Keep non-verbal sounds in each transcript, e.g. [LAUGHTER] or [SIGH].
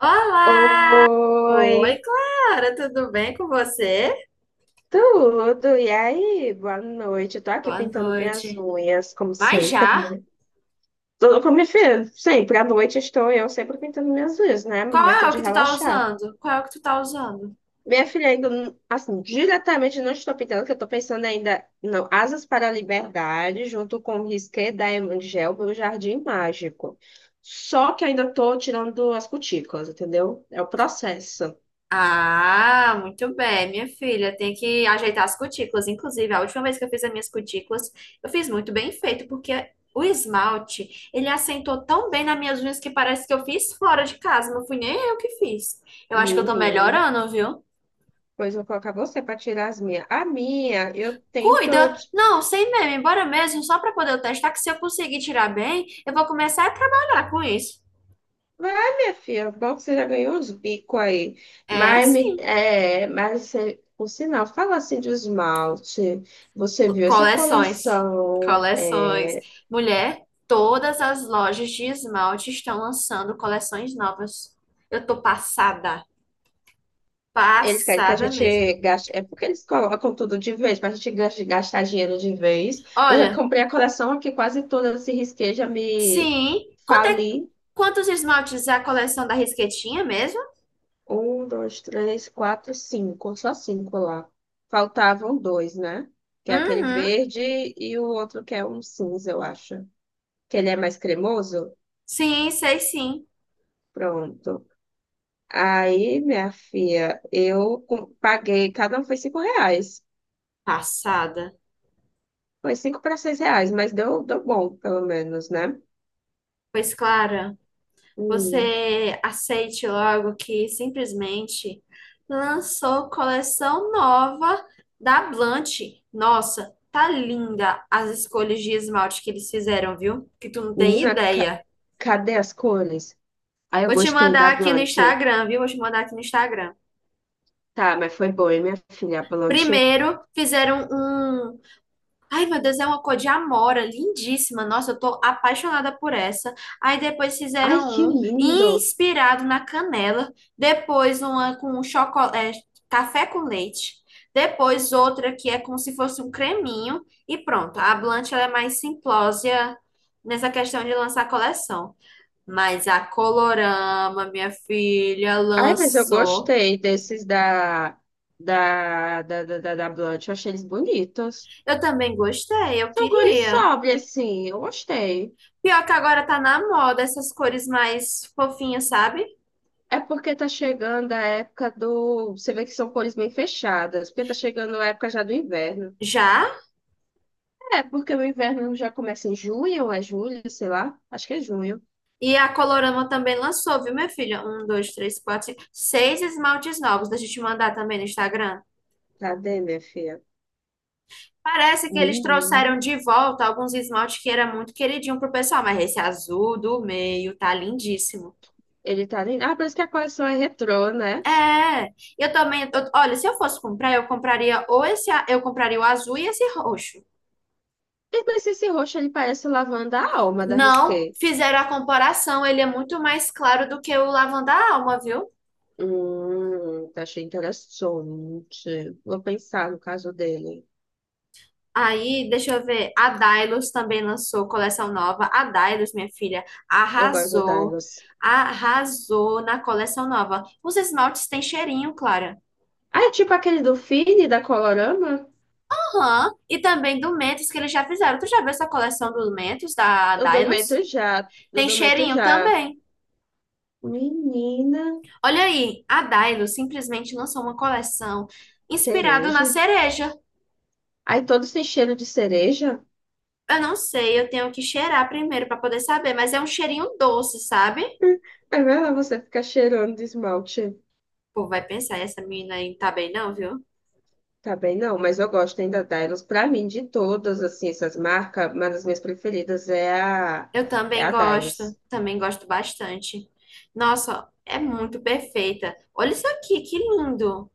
Olá! Oi, Oi, Clara, tudo bem com você? tudo? E aí? Boa noite. Eu tô aqui Boa pintando minhas noite. unhas, como Mas sempre, já? né? Como minha filha, sempre à noite estou eu sempre pintando minhas unhas, né? Qual é Momento o de que tu tá relaxar. usando? Qual é o que tu tá usando? Minha filha ainda, assim, diretamente não estou pintando, que eu tô pensando ainda no Asas para a Liberdade, junto com o Risqué da Emangel, o Jardim Mágico. Só que ainda tô tirando as cutículas, entendeu? É o processo. Ah, muito bem, minha filha. Tem que ajeitar as cutículas. Inclusive, a última vez que eu fiz as minhas cutículas, eu fiz muito bem feito, porque o esmalte, ele assentou tão bem nas minhas unhas que parece que eu fiz fora de casa. Não fui nem eu que fiz. Eu acho que eu tô Menina. melhorando, viu? Pois vou colocar você para tirar as minhas. A minha, eu tento. Cuida! ti- Não, sem meme, bora mesmo, só para poder eu testar que se eu conseguir tirar bem, eu vou começar a trabalhar com isso. Vai, minha filha, é bom que você já ganhou uns bicos aí. É, Mas, sim. Mas você, por sinal, fala assim de esmalte. Você viu essa Coleções. coleção? Coleções. é, Mulher, todas as lojas de esmalte estão lançando coleções novas. Eu tô passada. Eles querem que a Passada mesmo. gente gaste. É porque eles colocam tudo de vez, para a gente gastar dinheiro de vez. Eu já Olha, comprei a coleção aqui, quase toda, se risquei, já me sim. Fali. Quantos esmaltes é a coleção da Risquetinha mesmo? Um, dois, três, quatro, cinco. Só cinco lá. Faltavam dois, né? Que é aquele Uhum. verde e o outro que é um cinza, eu acho. Que ele é mais cremoso? Sim, sei sim. Pronto. Aí, minha filha, eu paguei, cada um foi R$ 5. Passada. Foi cinco para seis reais, mas deu, deu bom, pelo menos, né? Pois, Clara. Hum. Você aceite logo que simplesmente lançou coleção nova da Blanche. Nossa, tá linda as escolhas de esmalte que eles fizeram, viu? Que tu não tem Menina, ideia. cadê as cores? Aí eu Vou te gostei da mandar aqui no Blanche. Instagram, viu? Vou te mandar aqui no Instagram. Tá, mas foi boa, hein, minha filha? A Blanche. Primeiro, fizeram um. Ai, meu Deus, é uma cor de amora, lindíssima. Nossa, eu tô apaixonada por essa. Aí depois Ai, fizeram que um lindo! inspirado na canela, depois uma com chocolate, café com leite, depois outra que é como se fosse um creminho e pronto. A Blanche ela é mais simplória nessa questão de lançar coleção. Mas a Colorama, minha filha, Ai, mas eu lançou. gostei desses da Blunt. Eu achei eles bonitos. Eu também gostei, eu São cores queria. sóbrias, assim. Eu gostei. Pior que agora tá na moda essas cores mais fofinhas, sabe? É porque tá chegando a época do... Você vê que são cores bem fechadas. Porque tá chegando a época já do inverno. Já. É, porque o inverno já começa em junho, ou é julho, sei lá. Acho que é junho. E a Colorama também lançou, viu, minha filha? Um, dois, três, quatro, cinco, seis esmaltes novos. Deixa eu te mandar também no Instagram. Cadê, minha filha? Parece que eles Menino. trouxeram de volta alguns esmaltes que era muito queridinho pro pessoal, mas esse azul do meio tá lindíssimo. Ele tá... Ah, parece que a coleção é retrô, né? É, eu também. Olha, se eu fosse comprar, eu compraria ou esse, eu compraria o azul e esse roxo. Mas esse roxo, ele parece o lavanda alma da Risqué. Não, fizeram a comparação, ele é muito mais claro do que o lavanda alma, viu? Tá, achei interessante. Vou pensar no caso dele. Aí, deixa eu ver. A Dailos também lançou coleção nova. A Dailos, minha filha, Eu gosto da arrasou. Dinos. Arrasou na coleção nova. Os esmaltes têm cheirinho, Clara. Ah, é tipo aquele do Fini, da Colorama? Aham. E também do Mentos, que eles já fizeram. Tu já viu essa coleção do Mentos, da Eu Dailos? Dometo já. Eu Tem Dometo cheirinho já. também. Menina, Olha aí, a Dailos simplesmente lançou uma coleção inspirada na cereja. cereja. Aí todos têm cheiro de cereja. Eu não sei, eu tenho que cheirar primeiro para poder saber, mas é um cheirinho doce, sabe? Aí vai lá você ficar cheirando de esmalte. Pô, vai pensar, essa menina aí não tá bem não, viu? Tá bem, não, mas eu gosto ainda da Dylos. Pra mim, de todas assim, essas marcas, uma das minhas preferidas é a, Eu é a Dylos. também gosto bastante. Nossa, é muito perfeita. Olha isso aqui, que lindo.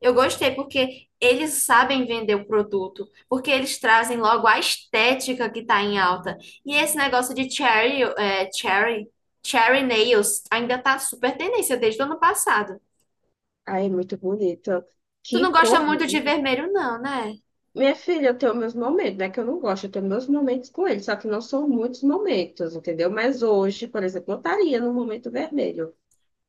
Eu gostei porque eles sabem vender o produto, porque eles trazem logo a estética que tá em alta. E esse negócio de cherry cherry nails ainda tá super tendência desde o ano passado. Ai, é muito bonita. Tu não Que gosta cor! muito de vermelho, não, né? Minha filha, eu tenho meus momentos, né? Que eu não gosto, eu tenho meus momentos com ele, só que não são muitos momentos, entendeu? Mas hoje, por exemplo, eu estaria no momento vermelho.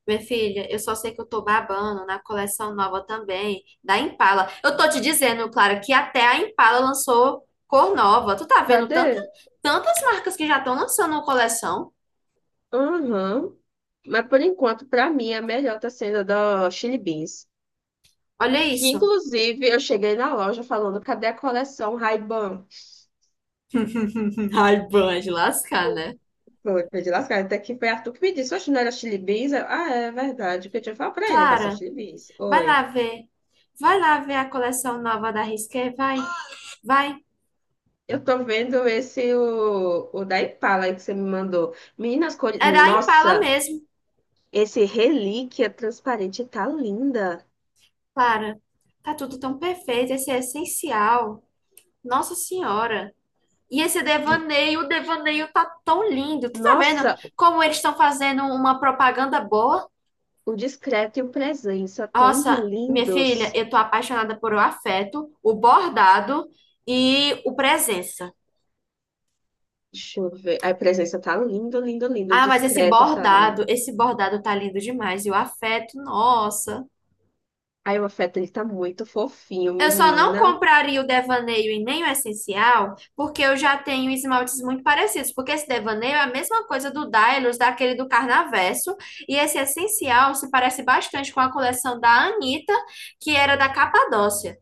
Minha filha, eu só sei que eu tô babando na coleção nova também, da Impala. Eu tô te dizendo, Clara, que até a Impala lançou cor nova. Tu tá vendo Cadê? Tantas marcas que já estão lançando uma coleção? Aham. Mas por enquanto, pra mim, a melhor tá sendo a da Chili Beans. Olha Que isso. inclusive eu cheguei na loja falando, cadê a coleção Ray-Ban? [LAUGHS] Ai, ban de lascar, né? Foi, foi de lascar, até que foi Arthur que me disse, oxe, não era Chili Beans? Eu, ah, é verdade, porque eu tinha falado pra ele com essa Clara, Chili Beans. vai lá Oi. ver. Vai lá ver a coleção nova da Risqué, vai, vai. Eu tô vendo esse, o da Impala aí que você me mandou. Meninas, cores... É da Impala Nossa, mesmo, esse relíquia transparente tá linda. Clara. Tá tudo tão perfeito, esse é essencial. Nossa Senhora. E esse N- devaneio, o devaneio tá tão lindo. Tu tá vendo Nossa, como eles estão fazendo uma propaganda boa? o discreto e o presença tão Nossa, minha filha, lindos. eu tô apaixonada por o afeto, o bordado e o presença. Deixa eu ver. A presença tá lindo, lindo, lindo. O Ah, mas discreto tá lindo. esse bordado tá lindo demais. E o afeto, nossa. Aí o afeto, ele tá muito fofinho, Eu só não menina. compraria o devaneio e nem o essencial, porque eu já tenho esmaltes muito parecidos. Porque esse devaneio é a mesma coisa do Dailus, daquele do Carnaverso. E esse essencial se parece bastante com a coleção da Anitta, que era da Capadócia.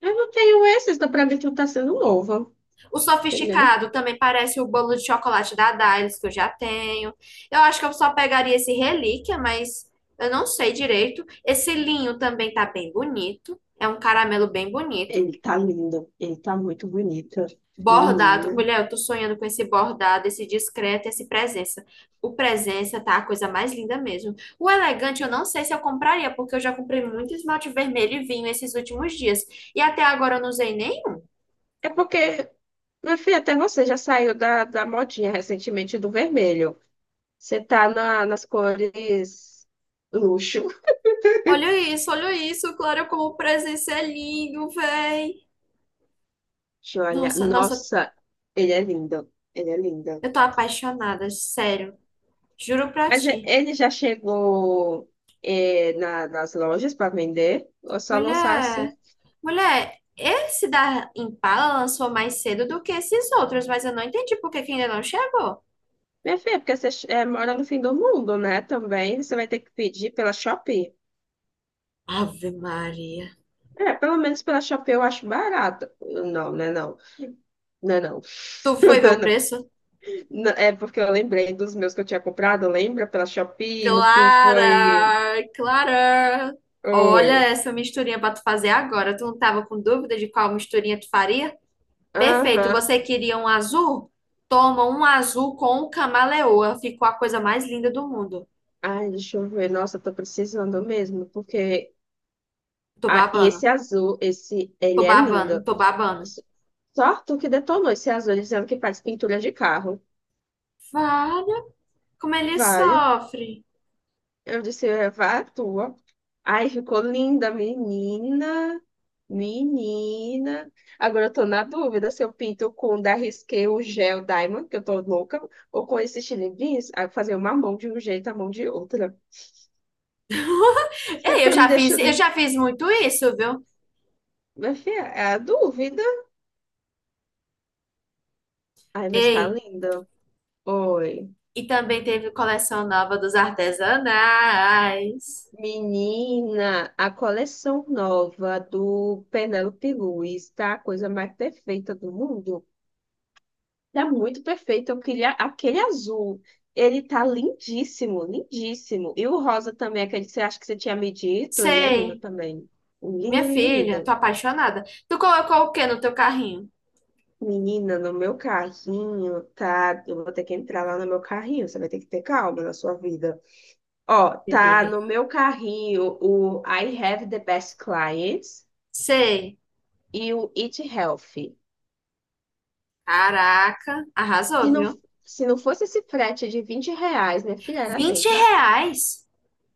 Eu não tenho esse, então pra mim tudo tá sendo novo, O entendeu? sofisticado também parece o bolo de chocolate da Dailus, que eu já tenho. Eu acho que eu só pegaria esse relíquia, mas eu não sei direito. Esse linho também tá bem bonito. É um caramelo bem bonito. Ele tá lindo, ele tá muito bonito. Bordado. Menina. Mulher, eu tô sonhando com esse bordado, esse discreto, esse presença. O presença tá a coisa mais linda mesmo. O elegante eu não sei se eu compraria, porque eu já comprei muito esmalte vermelho e vinho esses últimos dias. E até agora eu não usei nenhum. É porque, meu filho, até você já saiu da modinha recentemente do vermelho. Você tá nas cores luxo. Olha isso, Clara, como o presença é lindo, véi. Deixa eu olhar. Nossa, nossa, Nossa, ele é lindo. Ele é lindo. eu tô apaixonada, sério. Juro pra Mas ti. ele já chegou nas lojas para vender? Ou só lançaram Mulher, assim? Mulher, esse da Impala lançou mais cedo do que esses outros, mas eu não entendi por que que ainda não chegou. Minha filha, porque você mora no fim do mundo, né? Também você vai ter que pedir pela Shopee. Ave Maria. É, pelo menos pela Shopee eu acho barato. Não, não é não. Não é não. Tu foi ver o [LAUGHS] preço? É porque eu lembrei dos meus que eu tinha comprado, lembra? Pela Shopee, no fim foi. Clara, Clara. Olha Oi. essa misturinha pra tu fazer agora. Tu não tava com dúvida de qual misturinha tu faria? Perfeito. Aham. Você queria um azul? Toma um azul com camaleoa. Ficou a coisa mais linda do mundo. Ai, deixa eu ver. Nossa, eu tô precisando mesmo, porque. Tô Ah, e babando. esse azul, esse, ele Tô é lindo. babando. Tô babando. S- Só tu que detonou esse azul, dizendo que faz pintura de carro. Vale. Como ele Vale. sofre. Eu disse, é, vá à tua. Ai ficou linda, menina. Menina. Agora eu tô na dúvida se eu pinto com da Risqué o gel Diamond, que eu tô louca, ou com esse Chili Beans, aí fazer uma mão de um jeito, a mão de outra. Você Ei, ficar me deixando. eu em- já fiz muito isso, viu? Minha filha, é a dúvida. Ai, mas tá Ei, linda. Oi. e também teve coleção nova dos artesanais. Menina, a coleção nova do Penélope Luiz tá a coisa mais perfeita do mundo. Tá muito perfeito. Eu queria aquele azul. Ele tá lindíssimo, lindíssimo. E o rosa também, aquele que você acha que você tinha me dito, ele é lindo Sei. também. Minha Lindo, lindo, filha, tô lindo. apaixonada. Tu colocou o que no teu carrinho? Menina, no meu carrinho, tá? Eu vou ter que entrar lá no meu carrinho. Você vai ter que ter calma na sua vida. Ó, tá no [LAUGHS] meu carrinho o I Have the Best Clients Sei. e o Eat Healthy. Caraca, Se arrasou, não, viu? se não fosse esse frete de R$ 20, minha filha era vinte dentro. reais?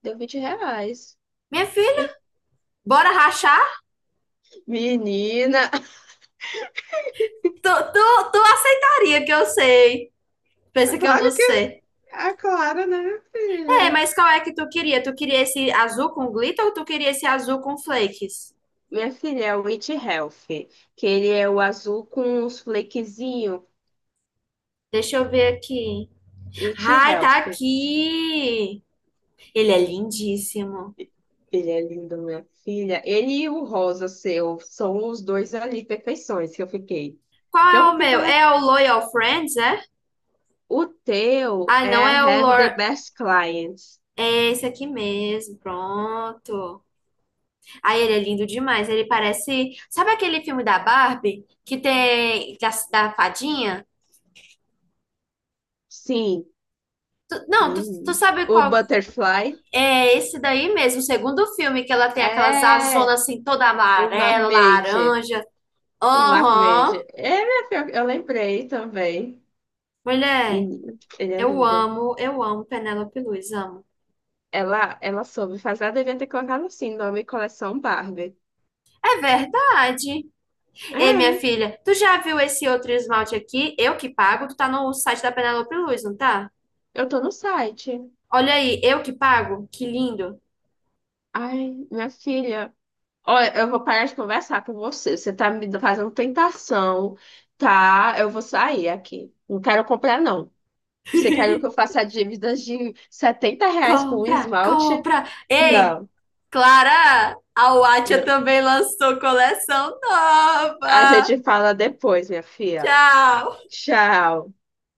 Deu R$ 20. Minha filha, bora rachar? Menina, Tu aceitaria que eu sei. Pensa [LAUGHS] que eu claro não que sei. a Clara, né, É, filha? mas qual é que tu queria? Tu queria esse azul com glitter ou tu queria esse azul com flakes? Minha filha é o It Health, que ele é o azul com os flequezinhos. Deixa eu ver aqui. It Ai, Health. tá aqui. Ele é lindíssimo. Ele é lindo, minha filha. Ele e o rosa seu são os dois ali, perfeições que eu fiquei. Qual Que eu é vou o meu? pintar. É o Loyal Friends, é? O teu Ah, é não I é o Have the Lor Best Clients. É esse aqui mesmo, pronto. Aí ele é lindo demais, ele parece. Sabe aquele filme da Barbie que tem da fadinha? Sim. Não, tu Menina. sabe O qual. Butterfly É esse daí mesmo, o segundo filme, que ela tem aquelas é azonas assim, toda o amarela, Mermaid. laranja. O Marmejo. Aham. É, minha filha, eu lembrei também. Mulher, Menino, ele é lindo. Eu amo Penélope Luiz, amo. Ela soube fazer, ela devia ter colocado assim, nome Coleção Barbie. É verdade. Ei, minha É, filha, tu já viu esse outro esmalte aqui? Eu que pago, tu tá no site da Penélope Luiz, não tá? eu tô no site. Olha aí, eu que pago? Que lindo. Ai, minha filha. Olha, eu vou parar de conversar com você. Você tá me fazendo tentação, tá? Eu vou sair aqui. Não quero comprar, não. Você quer que eu [LAUGHS] faça dívidas de R$ 70 com um Compra, esmalte? compra. Ei, Não, Clara, a Watcha não. também lançou coleção A nova. gente fala depois, minha filha. Tchau. Tchau.